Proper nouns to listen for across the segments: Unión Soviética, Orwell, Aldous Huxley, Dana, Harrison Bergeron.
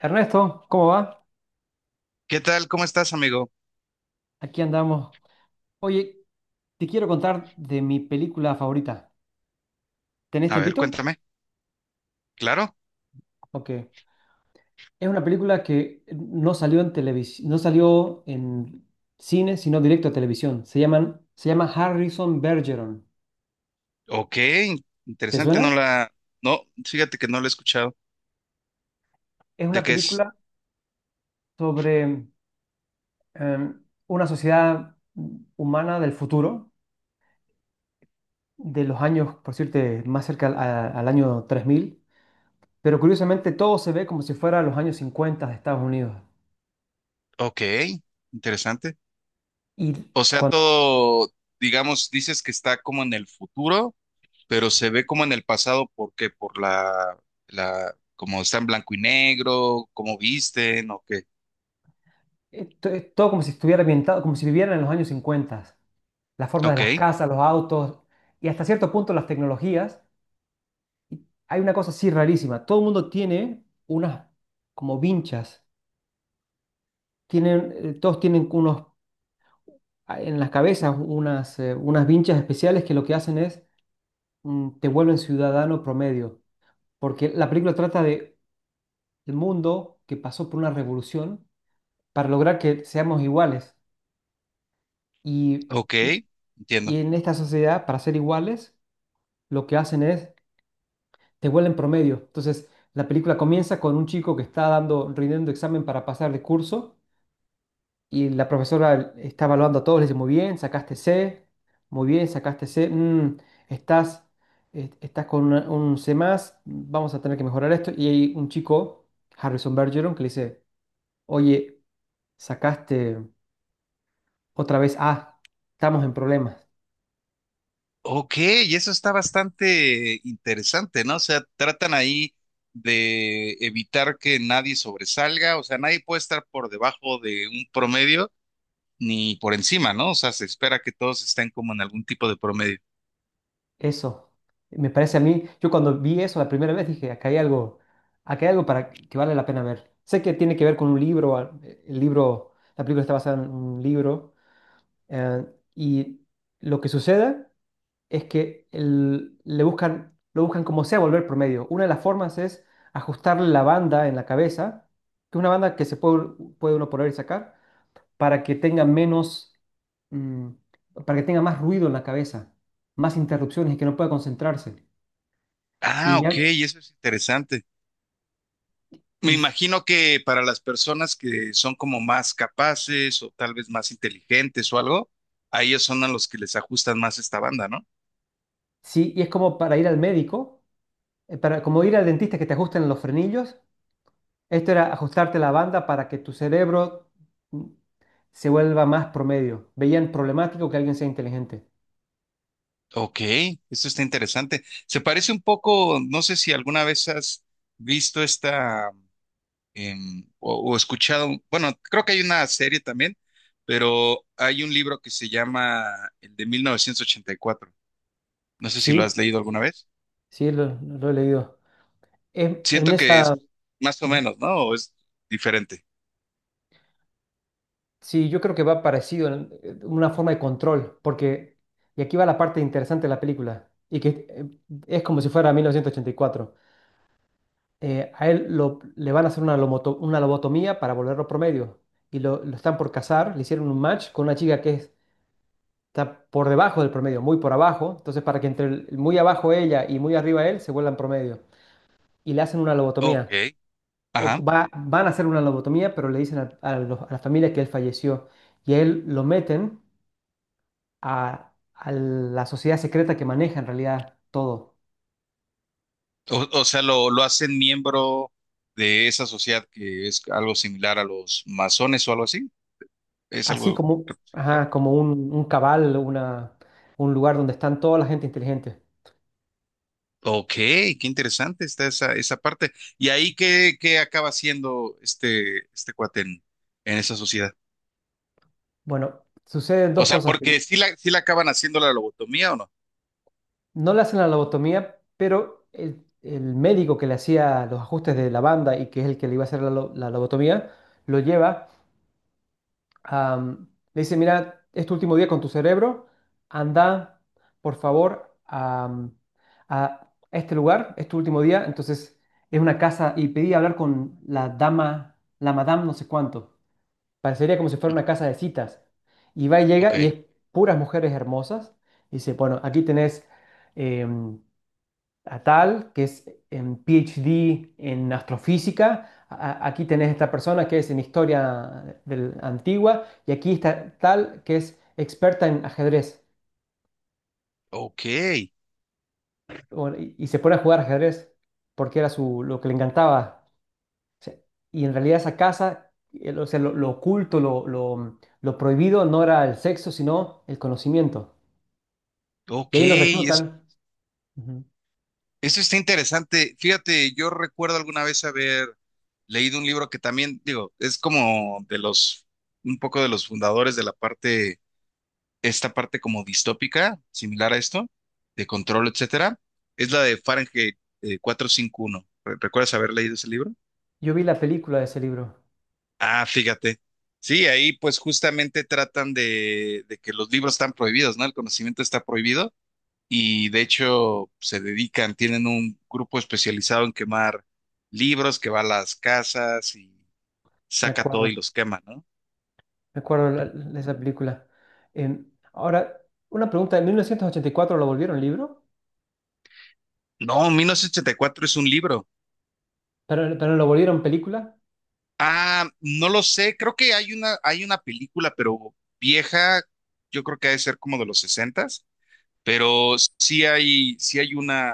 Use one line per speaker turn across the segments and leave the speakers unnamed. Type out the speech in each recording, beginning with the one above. Ernesto, ¿cómo va?
¿Qué tal? ¿Cómo estás, amigo?
Aquí andamos. Oye, te quiero contar de mi película favorita. ¿Tenés
A ver,
tiempito?
cuéntame. Claro.
Ok. Es una película que no salió en televisión, no salió en cine, sino directo a televisión. Se llama Harrison Bergeron.
Ok,
¿Te
interesante. No
suena?
la... No, fíjate que no la he escuchado.
Es
¿De
una
qué es?
película sobre una sociedad humana del futuro, de los años, por decirte, más cerca al año 3000. Pero curiosamente todo se ve como si fuera los años 50 de Estados Unidos.
Ok, interesante.
Y
O sea,
cuando,
todo, digamos, dices que está como en el futuro, pero se ve como en el pasado porque por la, como está en blanco y negro, cómo visten, o qué.
es todo como si estuviera ambientado, como si vivieran en los años 50, la forma de
Ok,
las casas, los autos y hasta cierto punto las tecnologías. Y hay una cosa así rarísima, todo el mundo tiene unas como vinchas, todos tienen en las cabezas unas vinchas especiales que lo que hacen es te vuelven ciudadano promedio, porque la película trata de el mundo que pasó por una revolución para lograr que seamos iguales. Y
ok,
Y
entiendo.
en esta sociedad, para ser iguales, lo que hacen es te vuelven promedio. Entonces, la película comienza con un chico que está dando, rindiendo examen para pasar de curso y la profesora está evaluando a todos, le dice, muy bien, sacaste C, muy bien, sacaste C, estás, estás con un C más, vamos a tener que mejorar esto. Y hay un chico, Harrison Bergeron, que le dice, oye, sacaste otra vez A, estamos en problemas.
Ok, y eso está bastante interesante, ¿no? O sea, tratan ahí de evitar que nadie sobresalga, o sea, nadie puede estar por debajo de un promedio ni por encima, ¿no? O sea, se espera que todos estén como en algún tipo de promedio.
Eso, me parece a mí, yo cuando vi eso la primera vez dije, acá hay algo para que vale la pena ver. Sé que tiene que ver con un libro, el libro, la película está basada en un libro, eh, y lo que sucede es que le buscan, lo buscan como sea volver promedio. Una de las formas es ajustarle la banda en la cabeza, que es una banda que se puede, puede uno poner y sacar, para que tenga menos, mm, para que tenga más ruido en la cabeza, más interrupciones y que no pueda concentrarse.
Ah,
Y
ok,
ya,
y eso es interesante. Me
y
imagino que para las personas que son como más capaces o tal vez más inteligentes o algo, a ellos son a los que les ajustan más esta banda, ¿no?
sí, y es como para ir al médico, para como ir al dentista que te ajusten los frenillos. Esto era ajustarte la banda para que tu cerebro mm, se vuelva más promedio. Veían problemático que alguien sea inteligente.
Ok, esto está interesante. Se parece un poco, no sé si alguna vez has visto esta o escuchado, bueno, creo que hay una serie también, pero hay un libro que se llama el de 1984. No sé si lo has
Sí,
leído alguna vez.
sí, lo he leído. En
Siento que
esa,
es más o
ujú.
menos, ¿no? ¿O es diferente?
Sí, yo creo que va parecido, una forma de control, porque, y aquí va la parte interesante de la película, y que es como si fuera 1984. A él le van a hacer una, una lobotomía para volverlo promedio. Y lo están por casar, le hicieron un match con una chica que está por debajo del promedio, muy por abajo. Entonces, para que entre muy abajo ella y muy arriba él se vuelvan promedio. Y le hacen una lobotomía.
Ok.
O
Ajá.
va- Van a hacer una lobotomía, pero le dicen a la familia que él falleció. Y a él lo meten a la sociedad secreta que maneja en realidad todo.
O sea, lo hacen miembro de esa sociedad que es algo similar a los masones o algo así. ¿Es
Así
algo
como,
similar?
ajá, como un cabal, una un lugar donde están toda la gente inteligente.
Ok, qué interesante está esa, esa parte. ¿Y ahí qué, qué acaba siendo este, este cuate en esa sociedad?
Bueno, suceden
O
dos
sea,
cosas.
porque sí la, sí la acaban haciendo la lobotomía o no.
No le hacen la lobotomía, pero el médico que le hacía los ajustes de la banda y que es el que le iba a hacer la lobotomía, lo lleva, a, mm, le dice, mira, es tu último día con tu cerebro, anda, por favor, a este lugar, es tu último día, entonces es una casa y pedí hablar con la dama, la madame no sé cuánto. Parecería como si fuera
Ujú.
una casa de citas. Y va y
Ok,
llega y es puras mujeres hermosas. Y dice, bueno, aquí tenés em, a tal, que es en PhD en astrofísica. Aquí tenés esta persona que es en historia antigua. Y aquí está tal, que es experta en ajedrez.
ok,
Bueno, y se pone a jugar ajedrez porque era su, lo que le encantaba. O sea, y en realidad esa casa, o sea, lo oculto, lo prohibido no era el sexo, sino el conocimiento. Y
ok,
ahí los
es-
reclutan. Ujú.
eso está interesante. Fíjate, yo recuerdo alguna vez haber leído un libro que también, digo, es como de los, un poco de los fundadores de la parte esta parte como distópica, similar a esto, de control, etcétera, es la de Fahrenheit 451. ¿Recuerdas haber leído ese libro?
Yo vi la película de ese libro,
Ah, fíjate. Sí, ahí pues justamente tratan de que los libros están prohibidos, ¿no? El conocimiento está prohibido y de hecho se dedican, tienen un grupo especializado en quemar libros que va a las casas y
me
saca todo
acuerdo,
y los quema, ¿no?
me acuerdo de esa película. Em, ahora, una pregunta, ¿en 1984 lo volvieron libro?
No, 1984 es un libro.
Pero lo volvieron película?
Ah, no lo sé, creo que hay una película, pero vieja, yo creo que ha de ser como de los sesentas, pero sí hay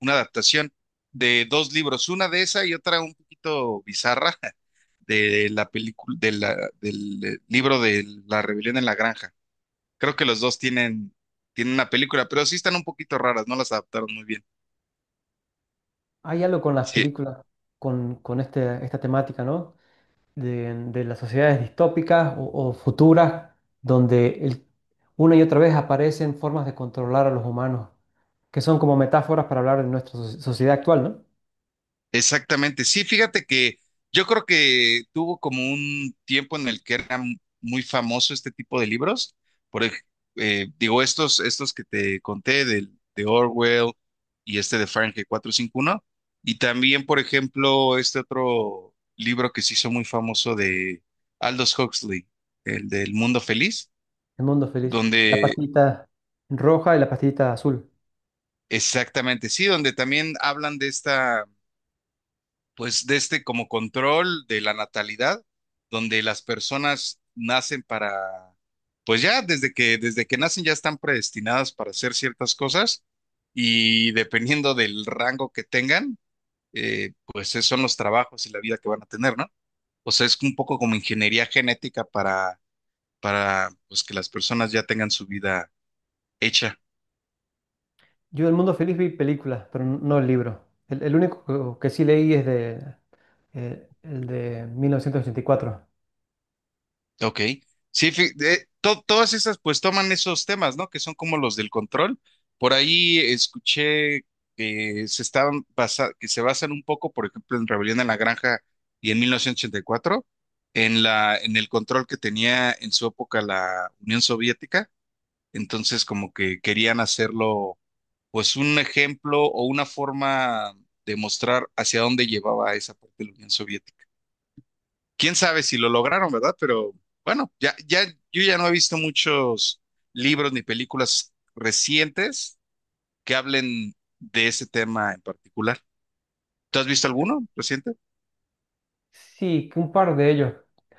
una adaptación de dos libros, una de esa y otra un poquito bizarra de la película, de la, del libro de La Rebelión en la Granja. Creo que los dos tienen, tienen una película, pero sí están un poquito raras, no las adaptaron muy bien.
Hay algo con las
Sí,
películas, con este, esta temática, ¿no? De las sociedades distópicas o futuras, donde una y otra vez aparecen formas de controlar a los humanos, que son como metáforas para hablar de nuestra sociedad actual, ¿no?
exactamente, sí, fíjate que yo creo que tuvo como un tiempo en el que era muy famoso este tipo de libros, por ej- digo, estos que te conté de Orwell y este de Fahrenheit 451. Y también, por ejemplo, este otro libro que se hizo muy famoso de Aldous Huxley, el del Mundo Feliz,
El mundo feliz. La
donde,
pastillita roja y la pastillita azul.
exactamente, sí, donde también hablan de esta, pues de este como control de la natalidad, donde las personas nacen para, pues ya desde que nacen ya están predestinadas para hacer ciertas cosas y dependiendo del rango que tengan, pues esos son los trabajos y la vida que van a tener, ¿no? O sea, es un poco como ingeniería genética para pues que las personas ya tengan su vida hecha.
Yo del mundo feliz vi películas, pero no el libro. El único que sí leí es de, el de 1984.
Ok. Sí, todas esas pues toman esos temas, ¿no? Que son como los del control. Por ahí escuché que se estaban que se basan un poco, por ejemplo, en Rebelión en la Granja y en 1984, en la, en el control que tenía en su época la Unión Soviética. Entonces, como que querían hacerlo, pues, un ejemplo o una forma de mostrar hacia dónde llevaba esa parte de la Unión Soviética. Quién sabe si lo lograron, ¿verdad? Pero bueno, ya, yo ya no he visto muchos libros ni películas recientes que hablen de ese tema en particular. ¿Tú has visto alguno reciente?
Sí, que un par de ellos.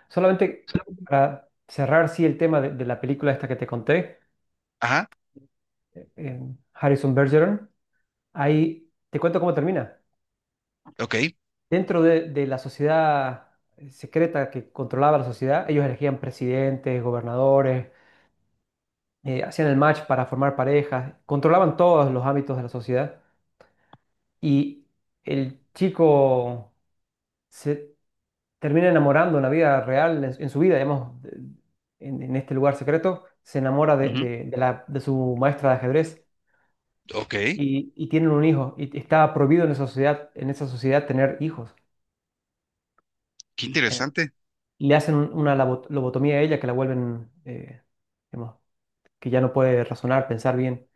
Solamente para cerrar, sí, el tema de la película esta que te conté,
Ajá,
Harrison Bergeron, ahí te cuento cómo termina.
ok,
Dentro de la sociedad secreta que controlaba la sociedad, ellos elegían presidentes, gobernadores, hacían el match para formar parejas, controlaban todos los ámbitos de la sociedad y el chico se termina enamorando en la vida real, en su vida, digamos, en este lugar secreto, se enamora
ujú,
de la, de su maestra de ajedrez
ok, qué
y tienen un hijo y está prohibido en esa sociedad tener hijos. Eh,
interesante.
le hacen una lobotomía a ella que la vuelven, digamos, que ya no puede razonar, pensar bien.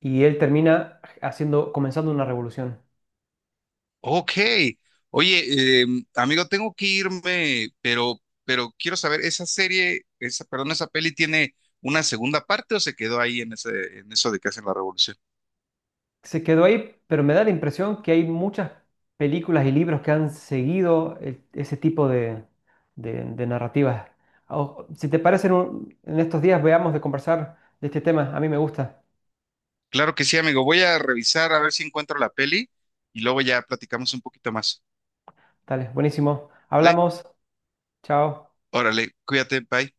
Y él termina haciendo, comenzando una revolución.
Ok, oye, amigo, tengo que irme, pero quiero saber, ¿esa serie, esa, perdón, esa peli tiene una segunda parte o se quedó ahí en ese, en eso de que hacen la revolución?
Se quedó ahí, pero me da la impresión que hay muchas películas y libros que han seguido ese tipo de, de narrativas. Si te parece, en estos días veamos de conversar de este tema. A mí me gusta.
Claro que sí, amigo. Voy a revisar a ver si encuentro la peli y luego ya platicamos un poquito más,
Dale, buenísimo.
¿vale?
Hablamos. Chao.
Órale, cuídate, bye.